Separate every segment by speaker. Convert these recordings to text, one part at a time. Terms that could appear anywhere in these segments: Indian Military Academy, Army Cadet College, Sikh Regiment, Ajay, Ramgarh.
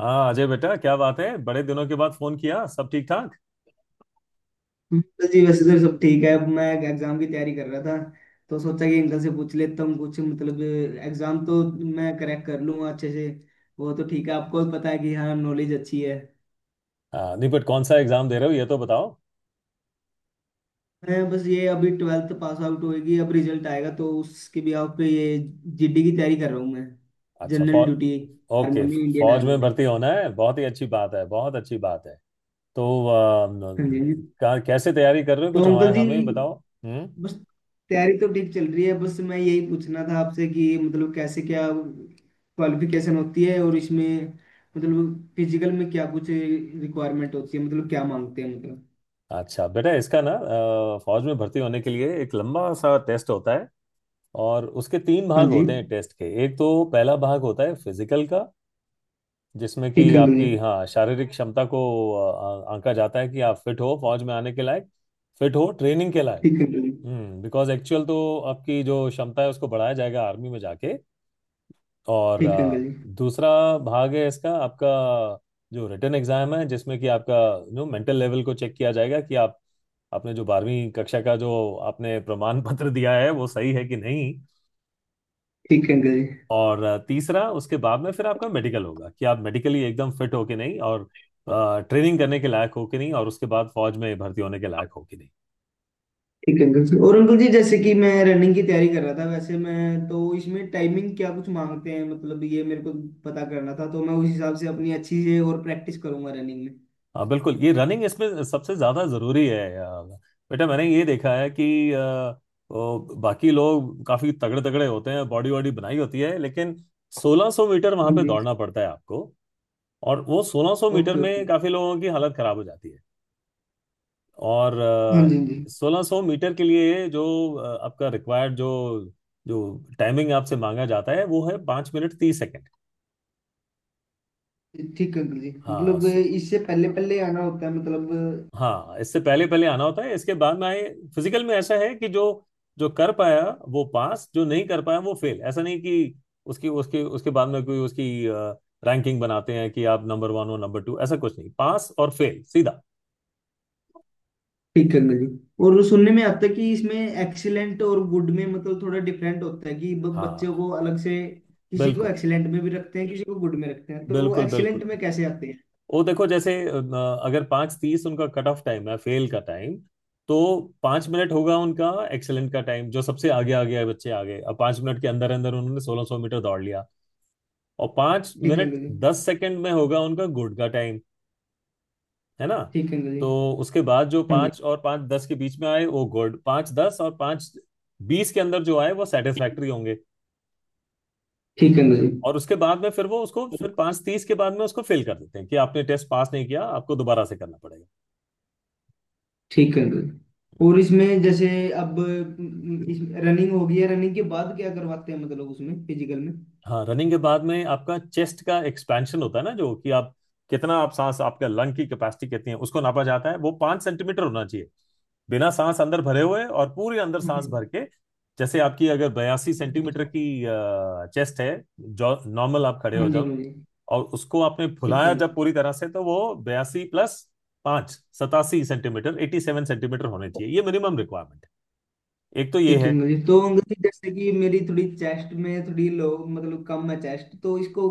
Speaker 1: हाँ अजय बेटा, क्या बात है? बड़े दिनों के बाद फोन किया, सब ठीक ठाक?
Speaker 2: बस जी, वैसे तो सब ठीक है। अब मैं एग्जाम की तैयारी कर रहा था तो सोचा कि अंकल से पूछ लेता हूँ कुछ। मतलब एग्जाम तो मैं क्रैक कर लूंगा अच्छे से। वो तो ठीक है, आपको भी पता है कि हाँ नॉलेज अच्छी है।
Speaker 1: हाँ, नहीं बट कौन सा एग्जाम दे रहे हो ये तो बताओ।
Speaker 2: मैं बस ये अभी 12th पास आउट होगी, अब रिजल्ट आएगा तो उसके भी आप पे ये जीडी की तैयारी कर रहा हूँ मैं।
Speaker 1: अच्छा,
Speaker 2: जनरल
Speaker 1: फौज।
Speaker 2: ड्यूटी।
Speaker 1: ओके।
Speaker 2: आर्मी में, इंडियन
Speaker 1: फौज
Speaker 2: आर्मी
Speaker 1: में
Speaker 2: में।
Speaker 1: भर्ती होना है, बहुत ही अच्छी बात है, बहुत अच्छी बात है। तो आ,
Speaker 2: हाँ जी, हाँ
Speaker 1: न-
Speaker 2: जी।
Speaker 1: का, कैसे तैयारी कर रहे हो
Speaker 2: तो
Speaker 1: कुछ हमारे
Speaker 2: अंकल जी,
Speaker 1: हमें ही बताओ। हम्म।
Speaker 2: बस तैयारी तो ठीक चल रही है। बस मैं यही पूछना था आपसे कि मतलब कैसे, क्या क्वालिफिकेशन होती है और इसमें मतलब फिजिकल में क्या कुछ रिक्वायरमेंट होती है, मतलब क्या मांगते हैं मतलब।
Speaker 1: अच्छा बेटा, इसका फौज में भर्ती होने के लिए एक लंबा सा टेस्ट होता है। और उसके तीन
Speaker 2: हाँ
Speaker 1: भाग
Speaker 2: जी।
Speaker 1: होते हैं टेस्ट के। एक तो पहला भाग होता है फिजिकल का, जिसमें कि
Speaker 2: ठीक अंकल जी।
Speaker 1: आपकी हाँ शारीरिक क्षमता को आंका जाता है कि आप फिट हो फौज में आने के लायक, फिट हो ट्रेनिंग के लायक।
Speaker 2: ठीक अंकल जी।
Speaker 1: हम्म। बिकॉज एक्चुअल तो आपकी जो क्षमता है उसको बढ़ाया जाएगा आर्मी में जाके। और
Speaker 2: ठीक
Speaker 1: अ,
Speaker 2: अंकल जी।
Speaker 1: दूसरा भाग है इसका आपका, जो रिटन एग्जाम है, जिसमें कि आपका नो मेंटल लेवल को चेक किया जाएगा कि आप, आपने जो बारहवीं कक्षा का जो आपने प्रमाण पत्र दिया है वो सही है कि नहीं।
Speaker 2: ठीक अंकल जी।
Speaker 1: और तीसरा, उसके बाद में फिर आपका मेडिकल होगा कि आप मेडिकली एकदम फिट हो कि नहीं और ट्रेनिंग करने के लायक हो कि नहीं और उसके बाद फौज में भर्ती होने के लायक हो कि नहीं।
Speaker 2: ठीक अंकल जी। और अंकल जी, जैसे कि मैं रनिंग की तैयारी कर रहा था, वैसे मैं तो इसमें टाइमिंग क्या कुछ मांगते हैं, मतलब ये मेरे को पता करना था, तो मैं उस हिसाब से अपनी अच्छी से और प्रैक्टिस करूंगा रनिंग में।
Speaker 1: बिल्कुल, ये रनिंग इसमें सबसे ज्यादा जरूरी है। बेटा, मैंने ये देखा है कि वो बाकी लोग काफी तगड़े तगड़े होते हैं, बॉडी वॉडी बनाई होती है, लेकिन 1600 मीटर वहां
Speaker 2: हाँ
Speaker 1: पे
Speaker 2: जी।
Speaker 1: दौड़ना पड़ता है आपको। और वो 1600 मीटर
Speaker 2: ओके,
Speaker 1: में
Speaker 2: ओके।
Speaker 1: काफी लोगों की हालत खराब हो जाती है। और
Speaker 2: हाँ जी, हाँ जी।
Speaker 1: सोलह सौ मीटर के लिए जो आपका रिक्वायर्ड जो जो टाइमिंग आपसे मांगा जाता है वो है 5 मिनट 30 सेकंड।
Speaker 2: ठीक है अंकल जी,
Speaker 1: हाँ
Speaker 2: मतलब
Speaker 1: सो-
Speaker 2: इससे पहले पहले आना होता है मतलब।
Speaker 1: हाँ, इससे पहले पहले आना होता है, इसके बाद में आए। फिजिकल में ऐसा है कि जो जो कर पाया वो पास, जो नहीं कर पाया वो फेल। ऐसा नहीं कि उसकी उसके उसके बाद में कोई उसकी रैंकिंग बनाते हैं कि आप नंबर वन हो नंबर टू, ऐसा कुछ नहीं, पास और फेल सीधा।
Speaker 2: ठीक है अंकल जी। और सुनने में आता है कि इसमें एक्सीलेंट और गुड में मतलब थोड़ा डिफरेंट होता है कि बच्चों
Speaker 1: हाँ,
Speaker 2: को अलग से किसी को
Speaker 1: बिल्कुल
Speaker 2: एक्सीलेंट में भी रखते हैं, किसी को गुड में रखते हैं, तो वो
Speaker 1: बिल्कुल
Speaker 2: एक्सीलेंट
Speaker 1: बिल्कुल।
Speaker 2: में कैसे आते हैं?
Speaker 1: वो देखो, जैसे अगर पाँच तीस उनका कट ऑफ टाइम है, फेल का टाइम। तो 5 मिनट होगा उनका एक्सेलेंट का टाइम, जो सबसे आगे आगे आए बच्चे आगे, अब पाँच मिनट के अंदर अंदर उन्होंने 1600 मीटर दौड़ लिया। और पाँच
Speaker 2: ठीक है
Speaker 1: मिनट
Speaker 2: अंकल जी।
Speaker 1: दस सेकंड में होगा उनका गुड का टाइम, है ना।
Speaker 2: ठीक है अंकल जी।
Speaker 1: तो उसके बाद जो
Speaker 2: हाँ जी।
Speaker 1: पाँच और पाँच दस के बीच में आए वो गुड, पाँच दस और पाँच बीस के अंदर जो आए वो सेटिस्फैक्ट्री होंगे।
Speaker 2: ठीक है अंकल जी।
Speaker 1: और उसके बाद में फिर वो उसको फिर पाँच तीस के बाद में उसको फेल कर देते हैं कि आपने टेस्ट पास नहीं किया, आपको दोबारा से करना पड़ेगा।
Speaker 2: ठीक है अंकल जी। और इसमें जैसे अब इस रनिंग हो गई है, रनिंग के बाद क्या करवाते हैं, मतलब उसमें फिजिकल में।
Speaker 1: हाँ, रनिंग के बाद में आपका चेस्ट का एक्सपेंशन होता है ना, जो कि आप कितना आप सांस, आपका लंग की कैपेसिटी कितनी है उसको नापा जाता है। वो 5 सेंटीमीटर होना चाहिए, बिना सांस अंदर भरे हुए और पूरे अंदर
Speaker 2: हाँ
Speaker 1: सांस
Speaker 2: जी,
Speaker 1: भर के। जैसे आपकी अगर 82 सेंटीमीटर की चेस्ट है, जो नॉर्मल आप खड़े
Speaker 2: हाँ
Speaker 1: हो
Speaker 2: जी।
Speaker 1: जाओ,
Speaker 2: हाँ जी।
Speaker 1: और उसको आपने
Speaker 2: ठीक है
Speaker 1: फुलाया
Speaker 2: अंकल
Speaker 1: जब पूरी तरह से तो वो बयासी प्लस पांच, 87 सेंटीमीटर, 87 सेंटीमीटर होने
Speaker 2: जी।
Speaker 1: चाहिए, ये मिनिमम रिक्वायरमेंट। एक तो ये
Speaker 2: ठीक
Speaker 1: है।
Speaker 2: अंग्रेजी, तो अंग्रेजी जैसे कि मेरी थोड़ी चेस्ट में थोड़ी लो, मतलब कम है चेस्ट, तो इसको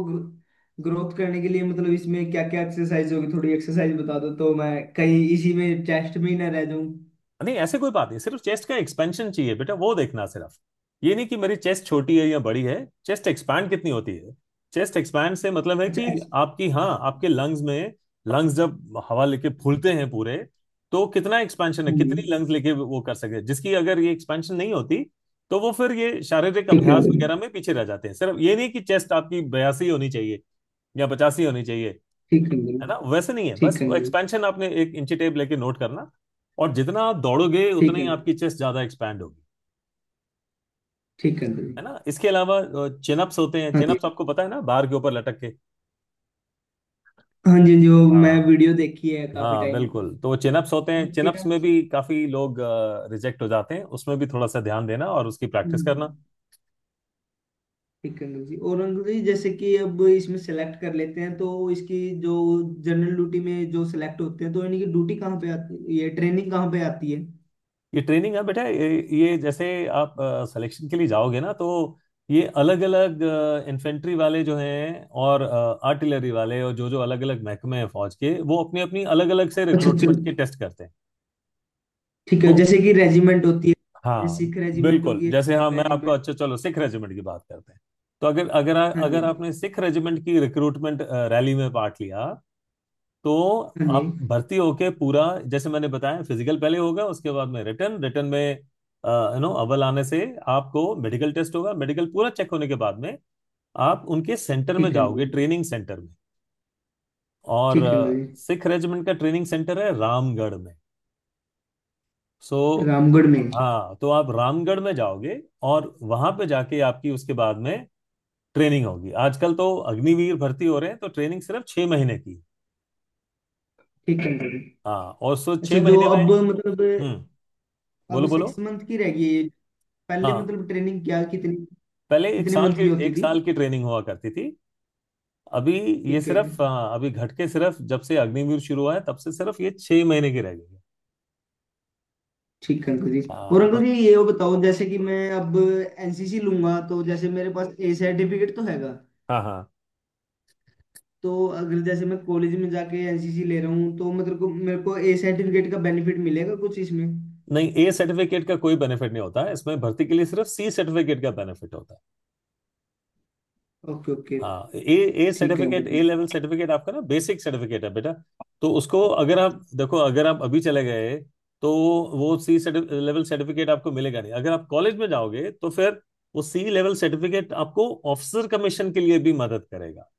Speaker 2: ग्रोथ करने के लिए मतलब इसमें क्या क्या एक्सरसाइज होगी? थोड़ी एक्सरसाइज बता दो तो मैं कहीं इसी में चेस्ट में ही ना रह जाऊं।
Speaker 1: नहीं, ऐसे कोई बात नहीं, सिर्फ चेस्ट का एक्सपेंशन चाहिए बेटा, वो देखना सिर्फ। ये नहीं कि मेरी चेस्ट छोटी है या बड़ी है, चेस्ट एक्सपैंड कितनी होती है। चेस्ट एक्सपैंड से मतलब है
Speaker 2: अच्छा
Speaker 1: कि आपकी हाँ आपके लंग्स जब हवा लेके फूलते हैं पूरे, तो कितना एक्सपेंशन है,
Speaker 2: हाँ
Speaker 1: कितनी
Speaker 2: जी।
Speaker 1: लंग्स लेके वो कर सके। जिसकी अगर ये एक्सपेंशन नहीं होती तो वो फिर ये शारीरिक
Speaker 2: ठीक है
Speaker 1: अभ्यास
Speaker 2: अंग्रेजी।
Speaker 1: वगैरह में पीछे रह जाते हैं। सिर्फ ये नहीं कि चेस्ट आपकी 82 होनी चाहिए या 85 होनी चाहिए,
Speaker 2: ठीक है
Speaker 1: है
Speaker 2: अंग्रेजी।
Speaker 1: ना, वैसे नहीं है। बस
Speaker 2: ठीक है
Speaker 1: वो
Speaker 2: अंग्रेजी।
Speaker 1: एक्सपेंशन आपने एक इंची टेप लेके नोट करना। और जितना आप दौड़ोगे
Speaker 2: ठीक
Speaker 1: उतने
Speaker 2: है
Speaker 1: ही
Speaker 2: अंग्रेजी।
Speaker 1: आपकी चेस्ट ज्यादा एक्सपैंड होगी,
Speaker 2: ठीक है अंग्रेजी।
Speaker 1: है ना। इसके अलावा चिनअप्स होते हैं।
Speaker 2: हाँ जी।
Speaker 1: चिनअप्स आपको पता है ना, बार के ऊपर लटक के।
Speaker 2: हाँ जी, जो मैं
Speaker 1: हाँ
Speaker 2: वीडियो देखी है काफी
Speaker 1: हाँ
Speaker 2: टाइम।
Speaker 1: बिल्कुल। तो वो चिनअप्स होते हैं। चिनअप्स में
Speaker 2: हाँ
Speaker 1: भी काफी लोग रिजेक्ट हो जाते हैं, उसमें भी थोड़ा सा ध्यान देना और उसकी प्रैक्टिस
Speaker 2: जी।
Speaker 1: करना।
Speaker 2: ठीक है अंकल जी। और अंकल जी, जैसे कि अब इसमें सेलेक्ट कर लेते हैं, तो इसकी जो जनरल ड्यूटी में जो सेलेक्ट होते हैं, तो इनकी ड्यूटी कहाँ पे आती है, ये ट्रेनिंग कहाँ पे आती है?
Speaker 1: ये ट्रेनिंग है बेटा, ये जैसे आप सिलेक्शन के लिए जाओगे ना, तो ये अलग अलग इन्फेंट्री वाले जो हैं, और आर्टिलरी वाले, और जो जो अलग अलग महकमे हैं फौज के वो अपनी अपनी अलग अलग से
Speaker 2: अच्छा चल।
Speaker 1: रिक्रूटमेंट के टेस्ट करते हैं।
Speaker 2: ठीक है,
Speaker 1: तो
Speaker 2: जैसे कि रेजिमेंट होती है, जैसे
Speaker 1: हाँ,
Speaker 2: सिख रेजिमेंट
Speaker 1: बिल्कुल।
Speaker 2: होगी,
Speaker 1: जैसे हाँ
Speaker 2: जाट
Speaker 1: मैं आपको,
Speaker 2: रेजिमेंट।
Speaker 1: अच्छा चलो सिख रेजिमेंट की बात करते हैं। तो अगर अगर आ-
Speaker 2: हाँ जी।
Speaker 1: अगर आपने सिख रेजिमेंट की रिक्रूटमेंट रैली में पार्ट लिया, तो
Speaker 2: हाँ जी।
Speaker 1: आप भर्ती होके पूरा, जैसे मैंने बताया, फिजिकल पहले होगा, उसके बाद में रिटर्न रिटर्न में अव्वल आने से आपको मेडिकल टेस्ट होगा। मेडिकल पूरा चेक होने के बाद में आप उनके सेंटर में
Speaker 2: ठीक है अंकल
Speaker 1: जाओगे,
Speaker 2: जी।
Speaker 1: ट्रेनिंग सेंटर में। और
Speaker 2: ठीक है अंकल जी।
Speaker 1: सिख रेजिमेंट का ट्रेनिंग सेंटर है रामगढ़ में। सो
Speaker 2: रामगढ़ में है।
Speaker 1: हाँ, तो आप रामगढ़ में जाओगे और वहां पे जाके आपकी उसके बाद में ट्रेनिंग होगी। आजकल तो अग्निवीर भर्ती हो रहे हैं, तो ट्रेनिंग सिर्फ 6 महीने की।
Speaker 2: ठीक है अंकल जी।
Speaker 1: हाँ, और सो
Speaker 2: अच्छा
Speaker 1: छह
Speaker 2: जो
Speaker 1: महीने में,
Speaker 2: अब मतलब
Speaker 1: हम्म।
Speaker 2: अब
Speaker 1: बोलो बोलो।
Speaker 2: 6 मंथ की रह गई है ये। पहले
Speaker 1: हाँ,
Speaker 2: मतलब ट्रेनिंग क्या कितनी
Speaker 1: पहले एक
Speaker 2: कितने
Speaker 1: साल
Speaker 2: मंथ
Speaker 1: की,
Speaker 2: की होती
Speaker 1: एक
Speaker 2: थी?
Speaker 1: साल की ट्रेनिंग हुआ करती थी। अभी ये
Speaker 2: ठीक है।
Speaker 1: सिर्फ अभी घट के सिर्फ, जब से अग्निवीर शुरू हुआ है तब से सिर्फ ये 6 महीने की रह गई है।
Speaker 2: ठीक है अंकल जी। और
Speaker 1: हाँ
Speaker 2: अंकल
Speaker 1: तो,
Speaker 2: जी, ये वो बताओ, जैसे कि मैं अब एनसीसी लूंगा तो जैसे मेरे पास ए सर्टिफिकेट तो हैगा।
Speaker 1: हाँ हाँ।
Speaker 2: तो अगर जैसे मैं कॉलेज में जाके एनसीसी ले रहा हूँ तो मतलब को मेरे को ए सर्टिफिकेट का बेनिफिट मिलेगा कुछ इसमें?
Speaker 1: नहीं, ए सर्टिफिकेट का कोई बेनिफिट नहीं होता है इसमें भर्ती के लिए, सिर्फ सी सर्टिफिकेट का बेनिफिट होता है।
Speaker 2: Okay, okay.
Speaker 1: हाँ, ए, ए
Speaker 2: ठीक है अंकल
Speaker 1: सर्टिफिकेट, ए
Speaker 2: जी।
Speaker 1: लेवल सर्टिफिकेट आपका ना बेसिक सर्टिफिकेट है बेटा। तो उसको अगर आप देखो, अगर आप अभी चले गए तो वो सी लेवल सर्टिफिकेट आपको मिलेगा नहीं। अगर आप कॉलेज में जाओगे तो फिर वो सी लेवल सर्टिफिकेट आपको ऑफिसर कमीशन के लिए भी मदद करेगा,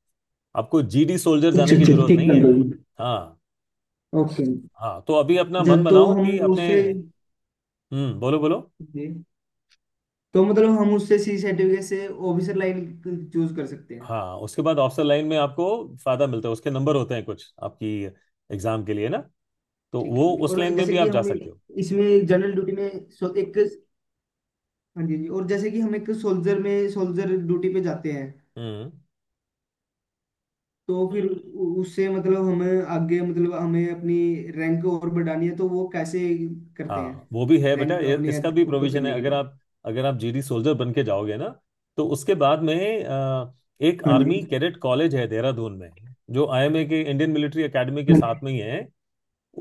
Speaker 1: आपको जीडी सोल्जर
Speaker 2: अच्छा,
Speaker 1: जाने की
Speaker 2: अच्छा,
Speaker 1: जरूरत
Speaker 2: ठीक
Speaker 1: नहीं
Speaker 2: है
Speaker 1: है।
Speaker 2: अंकल जी।
Speaker 1: हाँ।
Speaker 2: ओके।
Speaker 1: हाँ तो अभी अपना
Speaker 2: अच्छा
Speaker 1: मन
Speaker 2: तो
Speaker 1: बनाओ
Speaker 2: हम
Speaker 1: कि अपने,
Speaker 2: उससे।
Speaker 1: हम्म। बोलो बोलो।
Speaker 2: जी। तो मतलब हम उससे सी सर्टिफिकेट से ऑफिसर लाइन चूज कर सकते हैं?
Speaker 1: हाँ, उसके बाद ऑफिसर लाइन में आपको फायदा मिलता है, उसके नंबर होते हैं कुछ आपकी एग्जाम के लिए ना, तो
Speaker 2: ठीक है
Speaker 1: वो
Speaker 2: अंकल जी।
Speaker 1: उस
Speaker 2: और
Speaker 1: लाइन में
Speaker 2: जैसे
Speaker 1: भी
Speaker 2: कि
Speaker 1: आप जा
Speaker 2: हम
Speaker 1: सकते हो।
Speaker 2: इसमें जनरल ड्यूटी में एक। हाँ जी, जी। और जैसे कि हम एक सोल्जर में सोल्जर ड्यूटी पे जाते हैं,
Speaker 1: हम्म।
Speaker 2: तो फिर उससे मतलब हमें आगे मतलब हमें अपनी रैंक और बढ़ानी है, तो वो कैसे करते हैं?
Speaker 1: हाँ, वो भी है बेटा,
Speaker 2: रैंक
Speaker 1: ये
Speaker 2: अपने
Speaker 1: इसका भी
Speaker 2: ऊपर
Speaker 1: प्रोविजन है।
Speaker 2: करने के लिए।
Speaker 1: अगर आप जीडी सोल्जर बन के जाओगे ना, तो उसके बाद में एक
Speaker 2: हाँ
Speaker 1: आर्मी
Speaker 2: जी,
Speaker 1: कैडेट कॉलेज है देहरादून में, जो आईएमए के, इंडियन मिलिट्री एकेडमी के
Speaker 2: हाँ जी।
Speaker 1: साथ में ही है।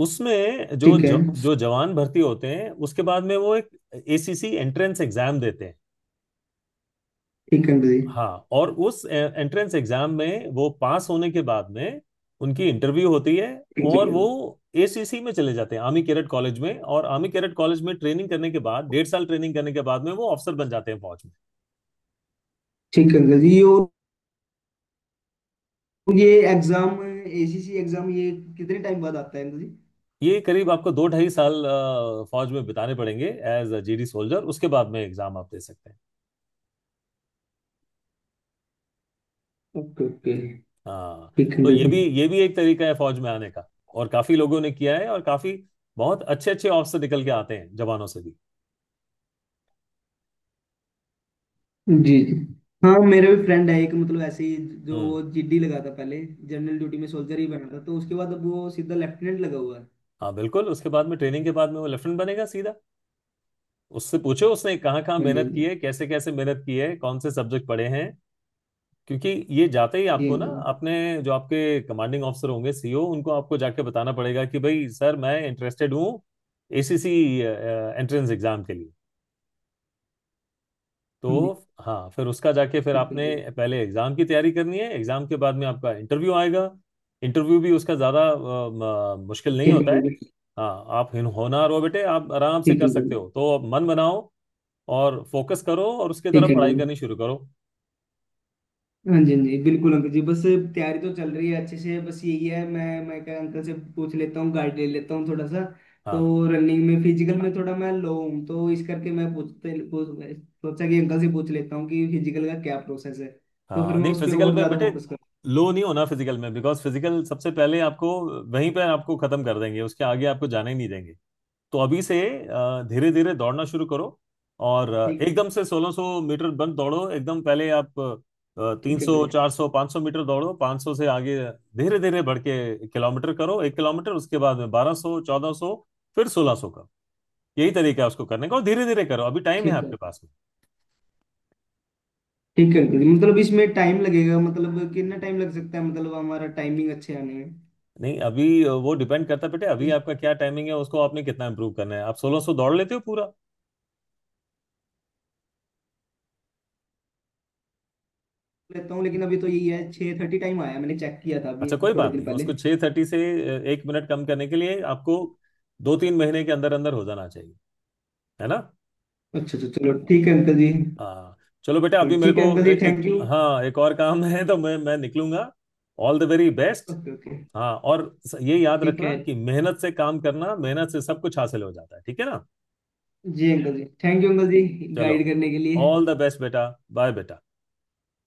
Speaker 1: उसमें जो
Speaker 2: ठीक है।
Speaker 1: जो, जो जवान भर्ती होते हैं उसके बाद में वो एक एसीसी एंट्रेंस एग्जाम देते हैं।
Speaker 2: ठीक है अंकल जी।
Speaker 1: हाँ, और उस एंट्रेंस एग्जाम में वो पास होने के बाद में उनकी इंटरव्यू होती है।
Speaker 2: ठीक
Speaker 1: और
Speaker 2: है।
Speaker 1: वो एसीसी में चले जाते हैं, आर्मी कैडेट कॉलेज में। और आर्मी कैडेट कॉलेज में ट्रेनिंग करने के बाद, 1.5 साल ट्रेनिंग करने के बाद में वो अफसर बन जाते हैं फौज में।
Speaker 2: ठीक है अंकल जी। ये और ये एग्जाम, एसीसी एग्जाम, ये कितने टाइम बाद आता है अंकल जी?
Speaker 1: ये करीब आपको 2-2.5 साल फौज में बिताने पड़ेंगे एज अ जीडी सोल्जर, उसके बाद में एग्जाम आप दे सकते हैं।
Speaker 2: Okay, okay.
Speaker 1: हाँ,
Speaker 2: ठीक है
Speaker 1: तो
Speaker 2: अंकल
Speaker 1: ये
Speaker 2: जी।
Speaker 1: भी ये भी एक तरीका है फौज में आने का, और काफी लोगों ने किया है, और काफी बहुत अच्छे अच्छे ऑफिसर निकल के आते हैं जवानों से भी।
Speaker 2: जी। जी, हाँ मेरे भी फ्रेंड है एक, मतलब ऐसे ही जो
Speaker 1: हम्म।
Speaker 2: वो जीडी लगा था पहले, जनरल ड्यूटी में सोल्जर ही बना था, तो उसके बाद अब वो सीधा लेफ्टिनेंट लगा हुआ है।
Speaker 1: हाँ बिल्कुल, उसके बाद में, ट्रेनिंग के बाद में वो लेफ्टिनेंट बनेगा सीधा। उससे पूछो उसने कहाँ कहाँ
Speaker 2: हाँ जी,
Speaker 1: मेहनत की
Speaker 2: जी।
Speaker 1: है, कैसे कैसे मेहनत की है, कौन से सब्जेक्ट पढ़े हैं। क्योंकि ये जाते ही
Speaker 2: जी
Speaker 1: आपको ना,
Speaker 2: अंकल जी।
Speaker 1: अपने जो आपके कमांडिंग ऑफिसर होंगे सीईओ उनको आपको जाके बताना पड़ेगा कि भाई सर, मैं इंटरेस्टेड हूँ एसीसी एंट्रेंस एग्जाम के लिए।
Speaker 2: हाँ जी।
Speaker 1: तो हाँ, फिर उसका जाके फिर
Speaker 2: ठीक है
Speaker 1: आपने
Speaker 2: अंकल जी।
Speaker 1: पहले एग्जाम की तैयारी करनी है, एग्जाम के बाद में आपका इंटरव्यू आएगा। इंटरव्यू भी उसका ज़्यादा मुश्किल नहीं
Speaker 2: ठीक है
Speaker 1: होता है।
Speaker 2: अंकल जी।
Speaker 1: हाँ, आप होनहार हो बेटे, आप आराम से
Speaker 2: ठीक
Speaker 1: कर
Speaker 2: है अंकल
Speaker 1: सकते
Speaker 2: जी।
Speaker 1: हो, तो अब मन बनाओ और फोकस करो और उसके
Speaker 2: ठीक
Speaker 1: तरफ
Speaker 2: है
Speaker 1: पढ़ाई
Speaker 2: अंकल
Speaker 1: करनी
Speaker 2: जी।
Speaker 1: शुरू करो।
Speaker 2: हाँ जी, हाँ जी, बिल्कुल अंकल जी। बस तैयारी तो चल रही है अच्छे से। बस यही है मैं क्या अंकल से पूछ लेता हूँ, गाइड ले लेता हूँ थोड़ा सा।
Speaker 1: हाँ,
Speaker 2: तो रनिंग में फिजिकल में थोड़ा मैं लो हूँ, तो इस करके मैं सोचा कि अंकल से पूछ लेता हूँ कि फिजिकल का क्या प्रोसेस है, तो फिर
Speaker 1: हाँ।
Speaker 2: मैं
Speaker 1: नहीं,
Speaker 2: उस पर
Speaker 1: फिजिकल
Speaker 2: और
Speaker 1: में
Speaker 2: ज्यादा
Speaker 1: बेटे
Speaker 2: फोकस।
Speaker 1: लो नहीं होना, फिजिकल में बिकॉज फिजिकल सबसे पहले आपको वहीं पे आपको खत्म कर देंगे, उसके आगे आपको जाने ही नहीं देंगे। तो अभी से धीरे धीरे दौड़ना शुरू करो। और
Speaker 2: ठीक।
Speaker 1: एकदम से 1600 मीटर बंद दौड़ो, एकदम, पहले आप तीन
Speaker 2: ठीक है
Speaker 1: सौ
Speaker 2: भाई।
Speaker 1: 400 500 मीटर दौड़ो, 500 से आगे धीरे धीरे बढ़ के किलोमीटर करो, 1 किलोमीटर, उसके बाद में 1200 1400, फिर 1600 का। यही तरीका है उसको करने का, और धीरे धीरे करो, अभी टाइम है
Speaker 2: ठीक है।
Speaker 1: आपके पास में।
Speaker 2: ठीक है अंकल जी, मतलब इसमें टाइम लगेगा मतलब कितना टाइम लग सकता है मतलब हमारा टाइमिंग अच्छे आने में?
Speaker 1: नहीं, अभी वो डिपेंड करता है बेटे, अभी
Speaker 2: इस-
Speaker 1: आपका क्या टाइमिंग है उसको आपने कितना इंप्रूव करना है। आप 1600 दौड़ लेते हो पूरा?
Speaker 2: लेता हूँ, लेकिन अभी तो यही है, 6:30 टाइम आया, मैंने चेक किया था अभी
Speaker 1: अच्छा, कोई
Speaker 2: थोड़े
Speaker 1: बात
Speaker 2: दिन
Speaker 1: नहीं,
Speaker 2: पहले।
Speaker 1: उसको 6:30 से 1 मिनट कम करने के लिए आपको 2-3 महीने के अंदर अंदर हो जाना चाहिए, है ना।
Speaker 2: अच्छा, अच्छा, चलो ठीक है अंकल जी।
Speaker 1: हाँ, चलो बेटा,
Speaker 2: चलो
Speaker 1: अभी मेरे
Speaker 2: ठीक
Speaker 1: को
Speaker 2: है अंकल जी,
Speaker 1: एक,
Speaker 2: थैंक यू।
Speaker 1: हाँ, एक और काम है तो मैं निकलूंगा। All the very best.
Speaker 2: Okay, okay.
Speaker 1: हाँ और ये याद
Speaker 2: ठीक है।
Speaker 1: रखना कि मेहनत से काम करना, मेहनत से सब कुछ हासिल हो जाता है, ठीक है ना।
Speaker 2: जी uncle ji, thank you uncle ji,
Speaker 1: चलो,
Speaker 2: गाइड करने के लिए।
Speaker 1: ऑल द बेस्ट बेटा, बाय बेटा।